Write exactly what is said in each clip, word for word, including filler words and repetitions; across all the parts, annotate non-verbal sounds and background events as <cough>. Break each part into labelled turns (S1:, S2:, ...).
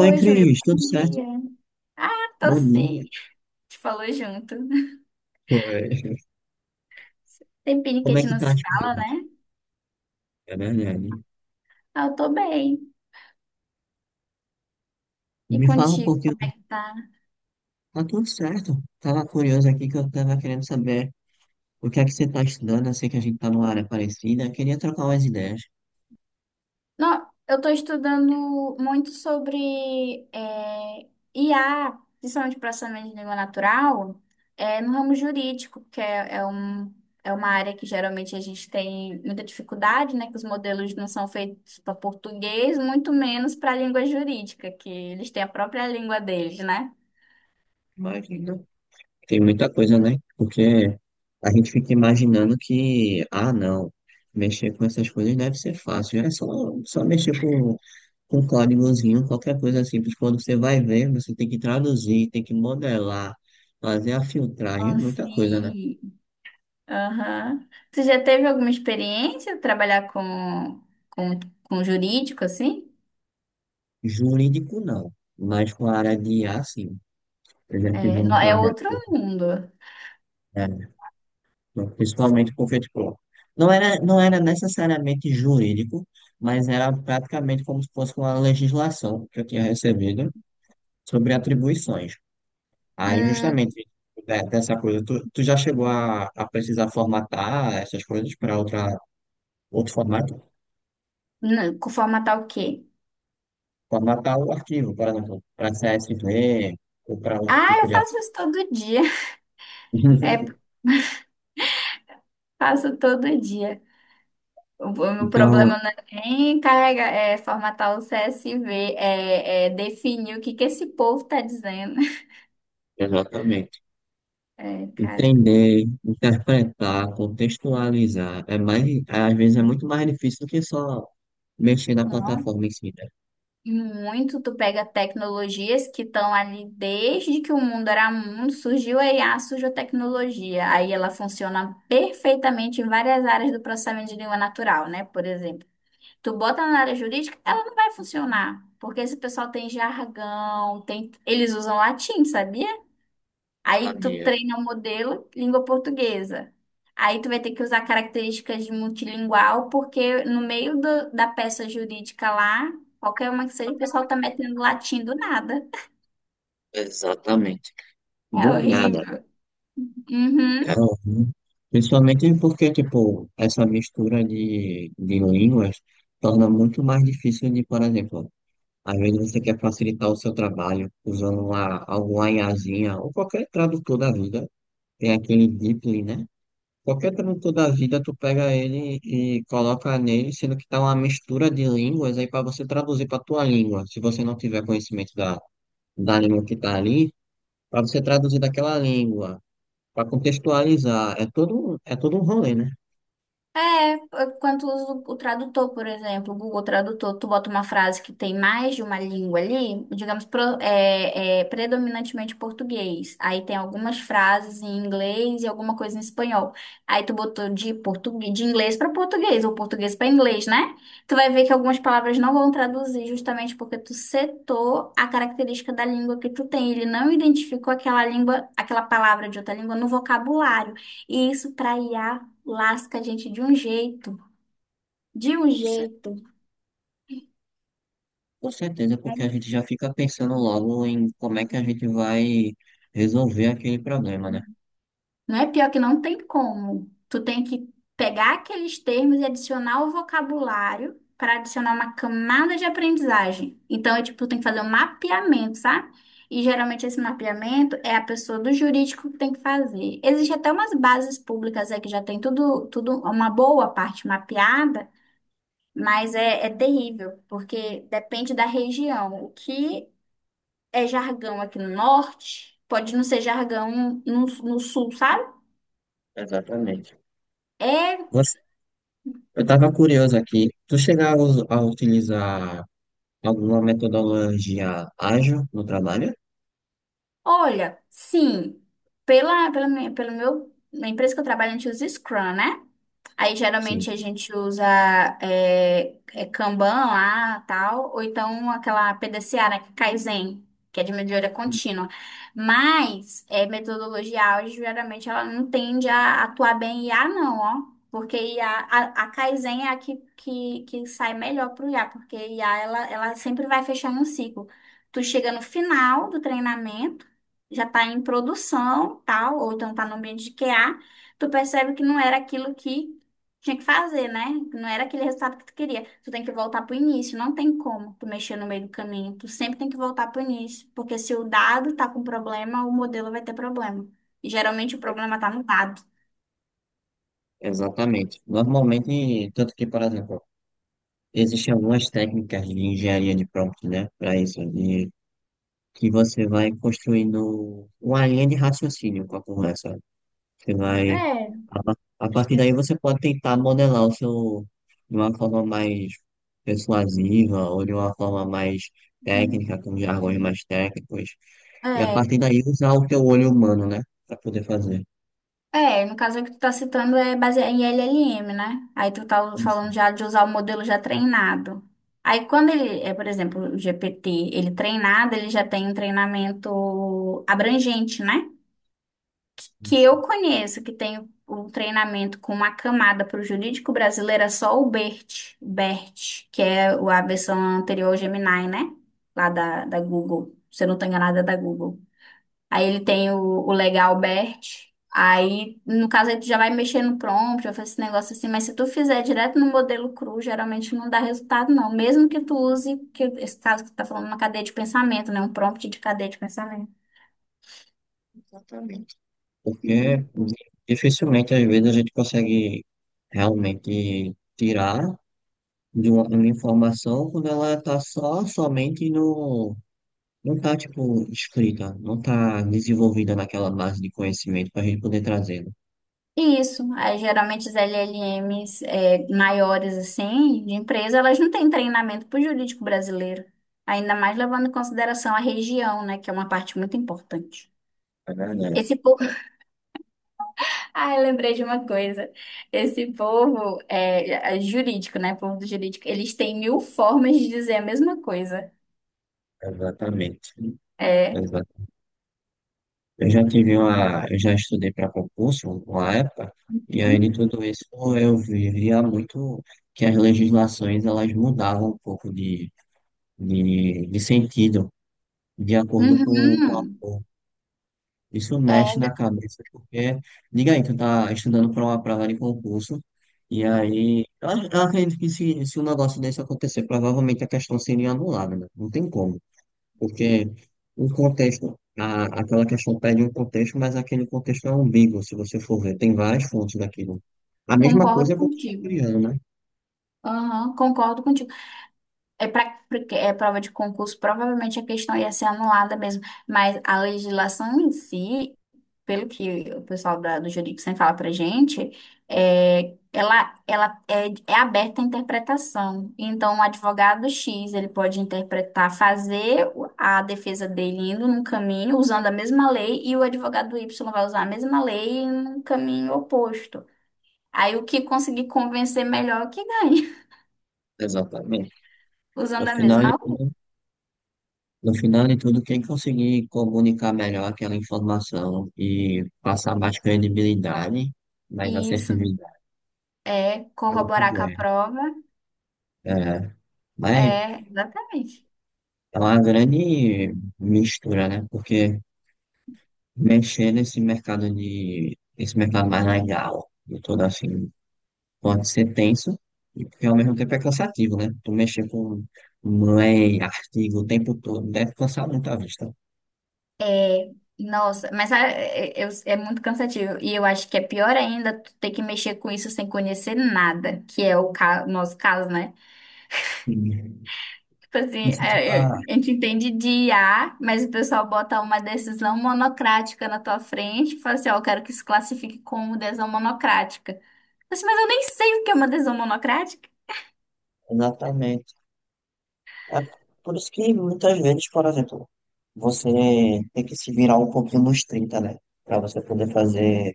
S1: Oi,
S2: Júlio,
S1: Cris, tudo
S2: bom
S1: certo?
S2: dia. Ah, tô
S1: Bom
S2: sim.
S1: dia.
S2: Te falou junto.
S1: Oi.
S2: Tempinho que a
S1: Como é
S2: gente
S1: que
S2: não
S1: tá
S2: se
S1: as
S2: fala,
S1: coisas?
S2: né?
S1: É verdade.
S2: Ah, eu tô bem. E
S1: Me fala um
S2: contigo,
S1: pouquinho.
S2: como é que tá?
S1: Tá tudo certo. Tava curioso aqui que eu tava querendo saber o que é que você tá estudando. Eu sei que a gente tá numa área parecida. Queria trocar umas ideias.
S2: Não, eu tô estudando muito sobre é, I A, principalmente processamento de língua natural, é, no ramo jurídico, porque é, é um, é uma área que geralmente a gente tem muita dificuldade, né? Que os modelos não são feitos para português, muito menos para a língua jurídica, que eles têm a própria língua deles, né?
S1: Mas não. Tem muita coisa, né? Porque a gente fica imaginando que, ah, não, mexer com essas coisas deve ser fácil. É só, só mexer com com códigozinho, qualquer coisa simples. Quando você vai ver, você tem que traduzir, tem que modelar, fazer a filtragem, é
S2: Oh,
S1: muita coisa, né?
S2: sim. Aham. Você já teve alguma experiência trabalhar com, com, com jurídico, assim?
S1: Jurídico não, mas com a área de i a, sim. Eu já tive
S2: É,
S1: um
S2: não, é
S1: projeto,
S2: outro mundo.
S1: é, principalmente porque, tipo, não era, não era necessariamente jurídico, mas era praticamente como se fosse uma legislação que eu tinha recebido sobre atribuições. Aí,
S2: Hum,
S1: justamente, de- dessa coisa, tu, tu já chegou a, a precisar formatar essas coisas para outra outro formato,
S2: não, com formatar o quê?
S1: formatar o arquivo, por exemplo, para C S V ou para outro
S2: Ah,
S1: tipo
S2: eu
S1: de
S2: faço
S1: arquivo.
S2: isso todo dia. <laughs> É,
S1: <laughs>
S2: faço todo dia. O, o meu
S1: Então,
S2: problema não é nem carregar, é formatar o C S V, é, é definir o que que esse povo tá dizendo. <laughs>
S1: exatamente.
S2: É, cara.
S1: Entender, interpretar, contextualizar, é mais, é, às vezes é muito mais difícil do que só mexer na
S2: Não.
S1: plataforma em si, né?
S2: Muito, tu pega tecnologias que estão ali desde que o mundo era mundo, surgiu a I A, surgiu a tecnologia. Aí ela funciona perfeitamente em várias áreas do processamento de língua natural, né? Por exemplo, tu bota na área jurídica, ela não vai funcionar, porque esse pessoal tem jargão, tem... eles usam latim, sabia? Aí tu
S1: Sabia,
S2: treina o modelo língua portuguesa. Aí tu vai ter que usar características de multilingual, porque no meio do- da peça jurídica lá, qualquer uma que seja, o pessoal tá metendo latim do nada.
S1: exatamente.
S2: É
S1: Do nada,
S2: horrível. Uhum.
S1: cara. Uhum. Principalmente porque, tipo, essa mistura de, de línguas torna muito mais difícil de, por exemplo, às vezes você quer facilitar o seu trabalho usando uma, alguma IAzinha ou qualquer tradutor da vida. Tem aquele DeepL, né? Qualquer tradutor da vida, tu pega ele e coloca nele, sendo que tá uma mistura de línguas aí para você traduzir para tua língua. Se você não tiver conhecimento da, da língua que tá ali, para você traduzir daquela língua, para contextualizar, é todo, um, é todo um rolê, né?
S2: É, é, Quando tu usa o o tradutor, por exemplo, o Google Tradutor, tu bota uma frase que tem mais de uma língua ali, digamos, pro- é, é, predominantemente português. Aí tem algumas frases em inglês e alguma coisa em espanhol. Aí tu botou de português, de inglês para português, ou português para inglês, né? Tu vai ver que algumas palavras não vão traduzir justamente porque tu setou a característica da língua que tu tem. Ele não identificou aquela língua, aquela palavra de outra língua no vocabulário. E isso para I A lasca a gente de um jeito, de um
S1: Com cer-
S2: jeito.
S1: com certeza, porque a gente já fica pensando logo em como é que a gente vai resolver aquele problema, né?
S2: Não é pior que não tem como. Tu tem que pegar aqueles termos e adicionar o vocabulário para adicionar uma camada de aprendizagem. Então, é tipo, tu tem que fazer um mapeamento, sabe? E geralmente esse mapeamento é a pessoa do jurídico que tem que fazer. Existe até umas bases públicas aí que já tem tudo, tudo uma boa parte mapeada, mas é, é terrível, porque depende da região. O que é jargão aqui no norte, pode não ser jargão no, no sul, sabe?
S1: Exatamente.
S2: É,
S1: Você- eu estava curioso aqui. Tu chega a, us- a utilizar alguma metodologia ágil no trabalho?
S2: olha, sim, pela, pela, minha- pelo meu, na empresa que eu trabalho, a gente usa Scrum, né? Aí
S1: Sim.
S2: geralmente a gente usa é, é Kanban lá, tal, ou então aquela P D C A, né, que é Kaizen, que é de melhoria contínua. Mas é, metodologia ágil, geralmente ela não tende a atuar bem em I A, não, ó. Porque I A, a, a a Kaizen é a que, que, que sai melhor para o I A, porque I A ela, ela sempre vai fechando um ciclo. Tu chega no final do treinamento, já está em produção, tal, ou então está no ambiente de Q A, tu percebe que não era aquilo que tinha que fazer, né? Não era aquele resultado que tu queria. Tu tem que voltar pro início, não tem como tu mexer no meio do caminho. Tu sempre tem que voltar pro início, porque se o dado tá com problema, o modelo vai ter problema. E geralmente o problema tá no dado.
S1: Exatamente. Normalmente, tanto que, por exemplo, existem algumas técnicas de engenharia de prompt, né, para isso, de que você vai construindo uma linha de raciocínio com a conversa. Você vai.
S2: É.
S1: A pa- a
S2: Acho
S1: partir
S2: que
S1: daí você pode tentar modelar o seu de uma forma mais persuasiva ou de uma forma mais técnica, com jargões mais técnicos. E a
S2: é,
S1: partir daí usar o teu olho humano, né? Pra poder fazer.
S2: é, no caso que tu tá citando é baseado em L L M, né? Aí tu tá
S1: Isso,
S2: falando já de usar o modelo já treinado. Aí quando ele, é, por exemplo, o G P T, ele treinado, ele já tem um treinamento abrangente, né? Que
S1: isso.
S2: eu conheço, que tem um treinamento com uma camada para o jurídico brasileiro, é só o BERT, BERT, que é o- a versão anterior ao Gemini, né? Lá da, da Google. Se eu não estou enganada, é da Google. Aí ele tem o, o legal BERT. Aí, no caso, aí tu já vai mexer no prompt, já faz esse negócio assim, mas se tu fizer direto no modelo cru, geralmente não dá resultado, não. Mesmo que tu use, que esse caso que tu tá falando, uma cadeia de pensamento, né? Um prompt de cadeia de pensamento.
S1: Exatamente. Porque dificilmente, às vezes, a gente consegue realmente tirar de uma, uma informação quando ela está só somente no. Não tá, tipo, escrita, não tá desenvolvida naquela base de conhecimento para a gente poder trazê-lo.
S2: Isso, aí, geralmente as L L Ms é, maiores assim, de empresa, elas não têm treinamento para o jurídico brasileiro, ainda mais levando em consideração a região, né, que é uma parte muito importante.
S1: É verdade,
S2: Esse povo, <laughs> ah, eu lembrei de uma coisa, esse povo é, é jurídico, né, povo do jurídico, eles têm mil formas de dizer a mesma coisa.
S1: exatamente.
S2: É,
S1: Exato. Eu já tive uma, eu já estudei para concurso uma época, e aí de tudo isso eu via muito que as legislações elas mudavam um pouco de, de, de sentido, de acordo com,
S2: uhum,
S1: com isso mexe na
S2: é,
S1: cabeça, porque, diga aí, tu tá estudando para uma prova de concurso, e aí, eu, ac- eu acredito que se, se um negócio desse acontecer, provavelmente a questão seria anulada, né? Não tem como, porque o contexto, a, aquela questão pede um contexto, mas aquele contexto é ambíguo, se você for ver, tem várias fontes daquilo. A mesma
S2: concordo
S1: coisa é com o
S2: contigo.
S1: criando, né?
S2: Aham, concordo contigo. É para é prova de concurso, provavelmente a questão ia ser anulada mesmo, mas a legislação em si, pelo que o pessoal da- do jurídico sempre fala para gente, é, ela, ela é, é aberta à interpretação. Então, o advogado X ele pode interpretar, fazer o- a defesa dele indo num caminho usando a mesma lei, e o advogado Y vai usar a mesma lei em um caminho oposto. Aí, o que conseguir convencer melhor é o que ganha,
S1: Exatamente.
S2: <laughs>
S1: No
S2: usando a mesma
S1: final,
S2: lei.
S1: No final de tudo, quem conseguir comunicar melhor aquela informação e passar mais credibilidade, mais
S2: Isso.
S1: assertividade,
S2: É
S1: ela
S2: corroborar com a
S1: tiver.
S2: prova.
S1: É, mas
S2: É, exatamente.
S1: é uma grande mistura, né? Porque mexer nesse mercado de, esse mercado mais legal e todo assim, pode ser tenso, e porque ao mesmo tempo é cansativo, né? Tu mexer com lei, artigo o tempo todo, deve cansar muito a vista.
S2: É, nossa, mas ah, é, é- é muito cansativo. E eu acho que é pior ainda tu ter que mexer com isso sem conhecer nada, que é o ca- o nosso caso, né?
S1: Sim.
S2: Tipo assim,
S1: Isso tu
S2: é, é,
S1: tá
S2: a gente entende de I A mas o pessoal bota uma decisão monocrática na tua frente e fala assim, ó, eu quero que se classifique como decisão monocrática. Eu disse, Mas eu nem sei o que é uma decisão monocrática.
S1: exatamente. É por isso que muitas vezes, por exemplo, você tem que se virar um pouquinho nos trinta, né? Para você poder fazer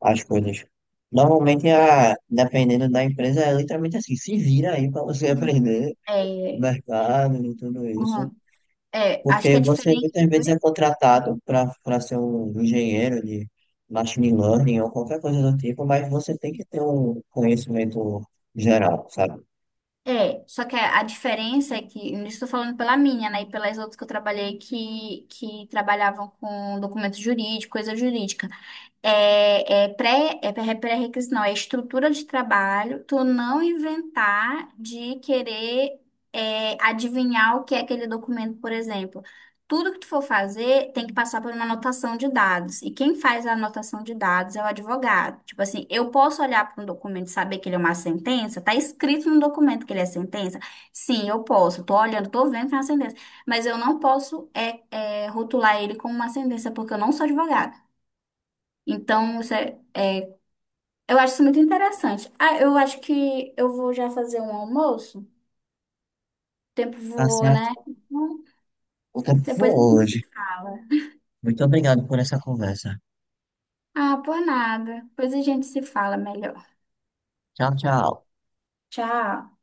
S1: as coisas. Normalmente, a, dependendo da empresa, é literalmente assim, se vira aí para você <laughs> aprender o
S2: É,
S1: mercado e tudo isso.
S2: hum, é, acho que
S1: Porque
S2: é
S1: você
S2: diferente.
S1: muitas vezes é contratado para para ser um engenheiro de machine learning ou qualquer coisa do tipo, mas você tem que ter um conhecimento geral, sabe?
S2: É, só que a, a diferença é que, não estou falando pela minha, né, e pelas outras que eu trabalhei que, que trabalhavam com documento jurídico, coisa jurídica. É, é pré, é pré- pré-requisito, não, é estrutura de trabalho, tu não inventar de querer é, adivinhar o que é aquele documento, por exemplo. Tudo que tu for fazer tem que passar por uma anotação de dados. E quem faz a anotação de dados é o advogado. Tipo assim, eu posso olhar para um documento e saber que ele é uma sentença? Tá escrito no documento que ele é sentença? Sim, eu posso. Tô olhando, tô vendo que é uma sentença. Mas eu não posso é, é, rotular ele como uma sentença, porque eu não sou advogada. Então, isso é- eu acho isso muito interessante. Ah, eu acho que eu vou já fazer um almoço. O tempo
S1: Tá
S2: voou, né?
S1: certo.
S2: Então,
S1: O tempo foi
S2: Depois a gente
S1: hoje.
S2: se fala.
S1: Muito obrigado por essa conversa.
S2: Ah, por nada. Depois a gente se fala melhor.
S1: Tchau, tchau.
S2: Tchau.